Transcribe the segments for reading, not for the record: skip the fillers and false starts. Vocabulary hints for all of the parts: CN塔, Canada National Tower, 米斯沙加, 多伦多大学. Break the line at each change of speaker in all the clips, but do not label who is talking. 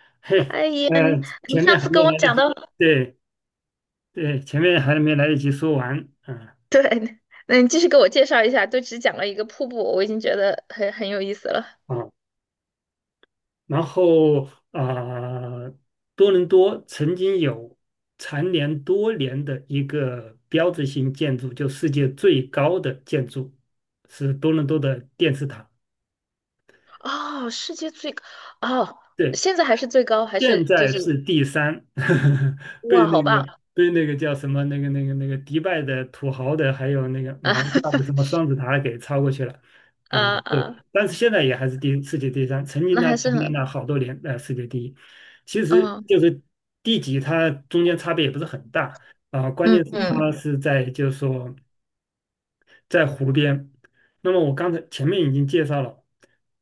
嘿，
哎呀，你
前
上
面还
次跟
没
我
来得
讲
及，
到，
对对，前面还没来得及说完，
对，那你继续给我介绍一下，就只讲了一个瀑布，我已经觉得很有意思了。
啊，然后啊，多伦多曾经有蝉联多年的一个标志性建筑，就世界最高的建筑是多伦多的电视塔。
哦，世界最高，哦，
对。
现在还是最高，还
现
是就
在是
是
第三，被
哇，
那
好棒
个被那个叫什么那个迪拜的土豪的，还有那个
啊。
马来西亚的什么双子塔给超过去了，
啊啊，
对，但是现在也还是世界第三，曾经
那
呢
还
蝉
是
联
很，
了好多年世界第一，其实
嗯
就是第几它中间差别也不是很大。关
嗯
键是它
嗯
是在就是说，在湖边。那么我刚才前面已经介绍了，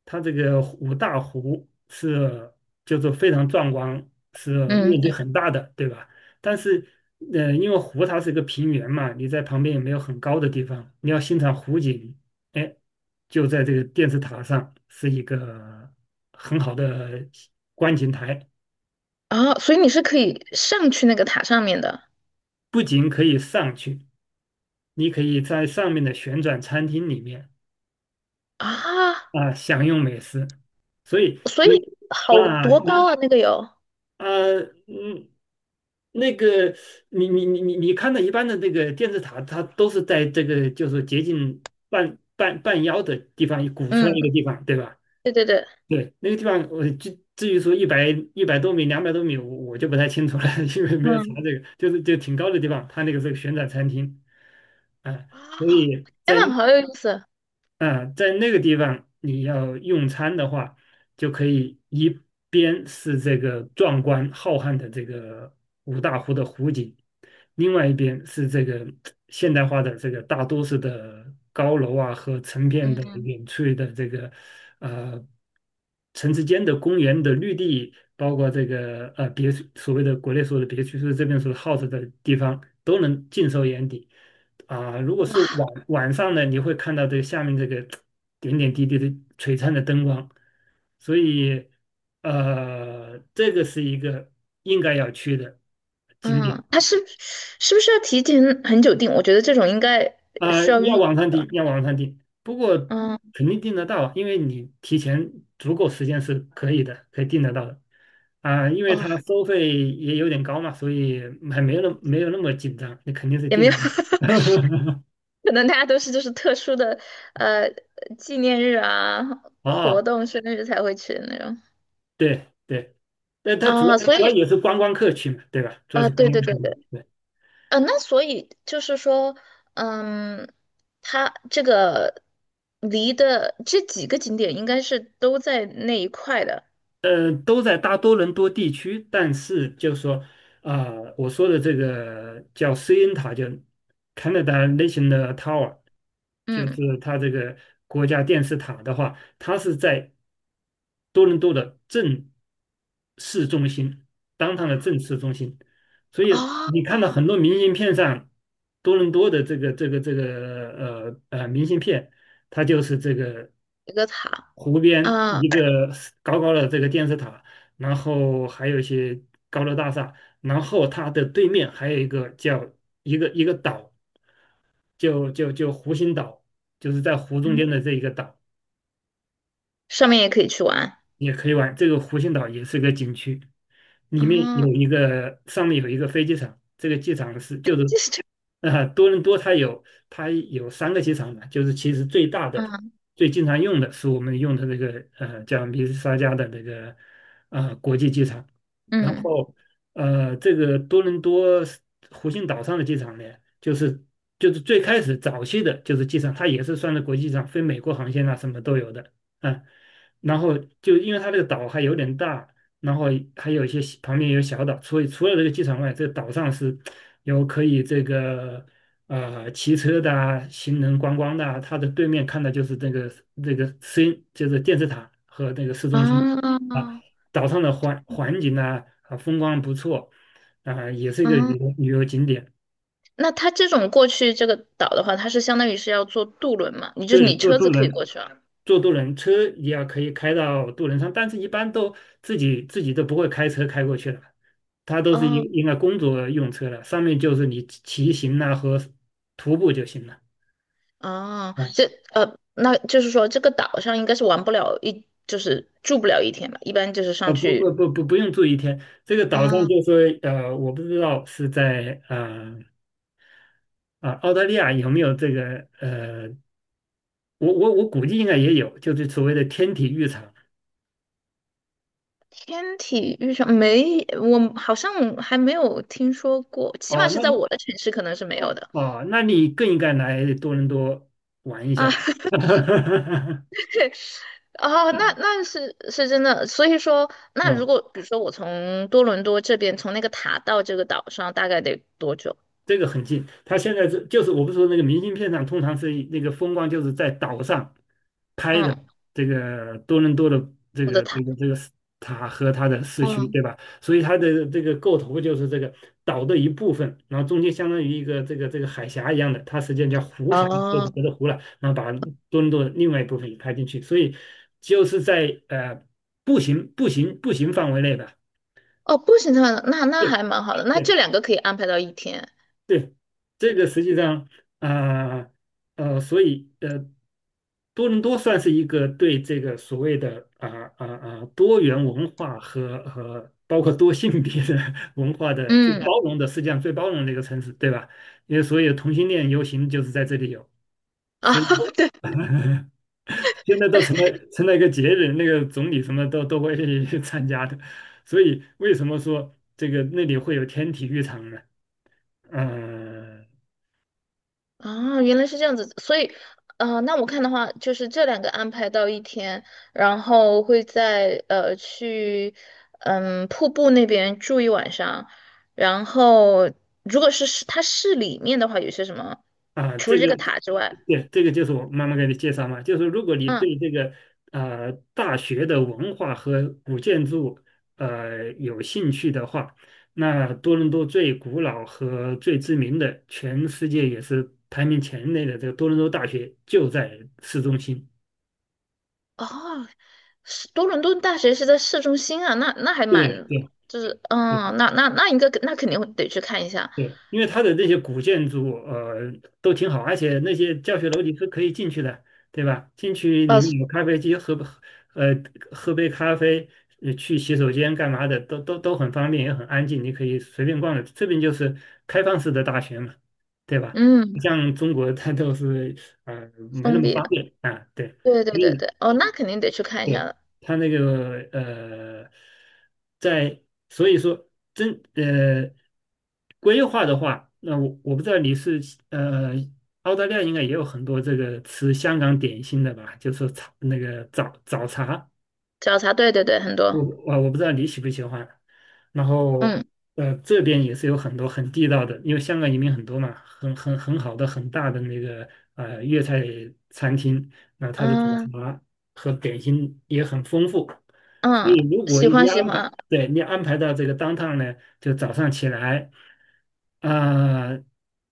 它这个五大湖是就是非常壮观，是面
嗯，
积很大的，对吧？但是，因为湖它是一个平原嘛，你在旁边也没有很高的地方，你要欣赏湖景，哎，就在这个电视塔上是一个很好的观景台，
啊，所以你是可以上去那个塔上面的。
不仅可以上去，你可以在上面的旋转餐厅里面。
啊，
啊，享用美食，所以
所
你
以好
啊，
多
你
高啊，那个有，
啊，嗯，那个，你你你你你看到一般的这个电视塔，它都是在这个就是接近半腰的地方鼓出来
嗯，
一个地方，对吧？
对对对，
对，那个地方我至于说一百多米、200多米，我就不太清楚了，因为没有查
嗯，
这个，就挺高的地方，它那个是个旋转餐厅。啊，
哇
所
哦，
以。
天
在。
呐，好有意思，
啊，在那个地方你要用餐的话，就可以一边是这个壮观浩瀚的这个五大湖的湖景，另外一边是这个现代化的这个大都市的高楼啊和成片的
嗯。
远处的这个呃城市间的公园的绿地，包括这个别墅，所谓的国内说的别墅，就是这边所 house 的地方都能尽收眼底。如果是晚上呢，你会看到这个下面这个点点滴滴的璀璨的灯光，所以这个是一个应该要去的景
嗯，
点。
他是是不是要提前很久订？我觉得这种应该需要
要
预，
网上订，要网上订，不过
嗯，
肯定订得到啊，因为你提前足够时间是可以的，可以订得到的啊，因为
哦，
它收费也有点高嘛，所以还没有没有那么紧张，你肯定是
也没
订
有，
得到。
可能大家都是就是特殊的呃纪念日啊、活
哦，
动、生日才会去的那种。
对对。但他主
啊，
要主
所
要
以
也是观光客去嘛，对吧？主要
啊，
是观
对对
光
对
客去，
对，
对。
那所以就是说，嗯，它这个离的这几个景点应该是都在那一块的，
都在大多伦多地区，但是就是说，啊，我说的这个叫 CN 塔，就 Canada National Tower，就
嗯，
是它这个国家电视塔的话，它是在多伦多的正市中心，当趟的正市中心，所以你
哦，
看到很多明信片上，多伦多的这个明信片，它就是这个：
一个塔
湖边
啊。
一个高高的这个电视塔，然后还有一些高楼大厦，然后它的对面还有一个叫一个岛，就湖心岛，就是在湖中间
嗯，
的这一个岛，
上面也可以去玩
也可以玩。这个湖心岛也是个景区。里面
啊，
有一个上面有一个飞机场，这个机场是就是，
就是这
多伦多它有三个机场嘛，就是其实最大的、
嗯
最经常用的是我们用的这个叫米斯沙加的那个国际机场，然
嗯
后这个多伦多湖心岛上的机场呢，就是最开始早期的就是机场，它也是算是国际上飞美国航线啊什么都有的。啊。然后就因为它这个岛还有点大，然后还有一些小旁边有小岛，所以除了这个机场外，这个岛上是有可以这个骑车的啊、行人观光的啊。它的对面看的就是这个市，就是电视塔和那个市中心啊。
啊，
岛上的环境风光不错啊，也是一个旅
嗯，
游旅游景点。
那它这种过去这个岛的话，它是相当于是要坐渡轮嘛？你就是
对，
你
坐
车
渡
子可以过
轮
去啊？
坐渡轮车也要可以开到渡轮上，但是一般都自己都不会开车开过去了，他都是
哦
应该工作用车了，上面就是你骑行呐、和徒步就行了。
哦，这
啊
那就是说这个岛上应该是玩不了一，就是住不了一天吧？一般就是上
不不
去
不不不用住一天，这个岛上
啊，
就说我不知道是在澳大利亚有没有这个我估计应该也有，就是所谓的天体浴场。
天体遇上没，我好像还没有听说过，起码
哦，
是
那
在
么
我的城市可能是没有的。
哦那你更应该来多伦多玩一下。
啊。哦，那那是是真的，所以说，那如
啊，
果比如说我从多伦多这边，从那个塔到这个岛上，大概得多久？
这个很近。他现在是就是我不是说那个明信片上通常是那个风光就是在岛上拍的，
嗯，
这个多伦多的这
我的
个这
塔，
个这个塔和它的市区，
嗯，
对吧？所以它的这个构图就是这个岛的一部分，然后中间相当于一个这个海峡一样的，它实际上叫湖峡，这个
哦
隔着湖了，然后把多伦多的另外一部分也拍进去，所以就是在步行范围内吧。
哦，步行的话，那那
对。
还蛮好的，那这
对
两个可以安排到一天，
对，这个实际上啊呃，呃所以呃，多伦多算是一个对这个所谓的多元文化和包括多性别的 文化的最
嗯，
包容的，世界上最包容的一个城市，对吧？因为所有同性恋游行就是在这里有，
啊，
所以
对。
现在都成了一个节日，那个总理什么都会去 参加的。所以为什么说这个那里会有天体育场呢？嗯、
啊，原来是这样子，所以，那我看的话，就是这两个安排到一天，然后会在去，嗯，瀑布那边住一晚上，然后如果是市它市里面的话，有些什么，
啊，
除
这
了这
个，
个塔之外，
对，就是我妈妈给你介绍嘛，就是如果你对
嗯，
这个大学的文化和古建筑有兴趣的话，那多伦多最古老和最知名的、全世界也是排名前列的这个多伦多大学就在市中心。
哦，是多伦多大学是在市中心啊，那那还
对
蛮，
对
就是，
对。
嗯，那那那应该那肯定会得去看一下，
对，因为它的这些古建筑，都挺好，而且那些教学楼你是可以进去的，对吧？进去
呃，
里面有咖啡机，呃，喝杯咖啡，去洗手间干嘛的，都很方便，也很安静，你可以随便逛的。这边就是开放式的大学嘛，对吧？不
嗯，
像中国它都是，没那
封
么
闭
方
的，
便啊，对。
对对
因
对
为。
对，哦，那肯定得去看一下
对，
了。
他那个呃，在所以说真呃规划的话，那我不知道你是呃澳大利亚应该也有很多这个吃香港点心的吧，就是说茶那个早早茶，
早茶，对对对，很
我
多，
我我不知道你喜不喜欢，然后
嗯
这边也是有很多很地道的，因为香港移民很多嘛，很好的很大的那个粤菜餐厅，那它的早
嗯
茶和点心也很丰富，所
嗯，
以如果
喜
一
欢喜
安排。
欢，
对你安排到这个当趟呢，就早上起来，啊、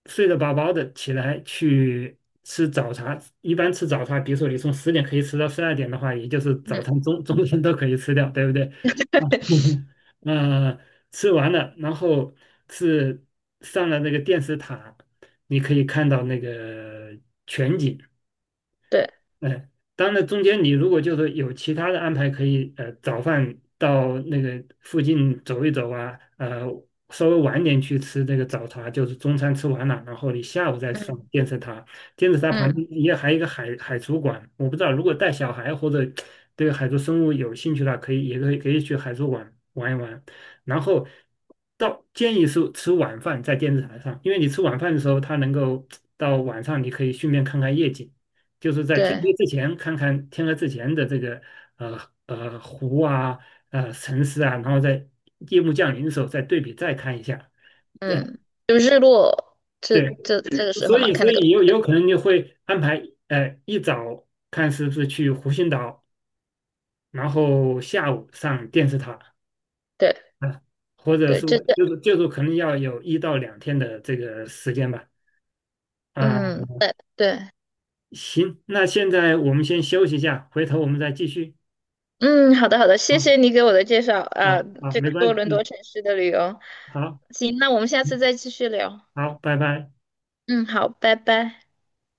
睡得饱饱的起来去吃早茶。一般吃早茶，比如说你从10点可以吃到12点的话，也就是早
嗯，
餐中餐都可以吃掉，对不对？呃，吃完了，然后是上了那个电视塔，你可以看到那个全景。
对，
哎，当然中间你如果就是有其他的安排，可以早饭到那个附近走一走啊，稍微晚点去吃这个早茶，就是中餐吃完了，然后你下午再上
嗯
电视塔，电视塔旁边
嗯
也还有一个海族馆，我不知道如果带小孩或者对海族生物有兴趣的话，可以也可以可以去海族馆玩一玩，然后建议是吃晚饭在电视台上，因为你吃晚饭的时候，它能够到晚上你可以顺便看看夜景。就是在天
对，
黑之前看看天黑之前的这个呃湖啊城市啊，然后在夜幕降临的时候再对比再看一下。对
嗯，就日落这
对，
这这个时候
所
嘛，
以
看
所
那个，
以有可能就会安排一早看是不是去湖心岛，然后下午上电视塔
对
啊，或者
对，这
说
这，
就是可能要有1到2天的这个时间吧。啊，
嗯对对，
行，那现在我们先休息一下，回头我们再继续。
嗯，好的好的，
啊
谢谢你给我的介绍
啊
啊，这
没
个
关
多
系，
伦
嗯，
多城市的旅游，
好。
行，那我们下
嗯。
次再继续聊，
好，拜拜。
嗯，好，拜拜。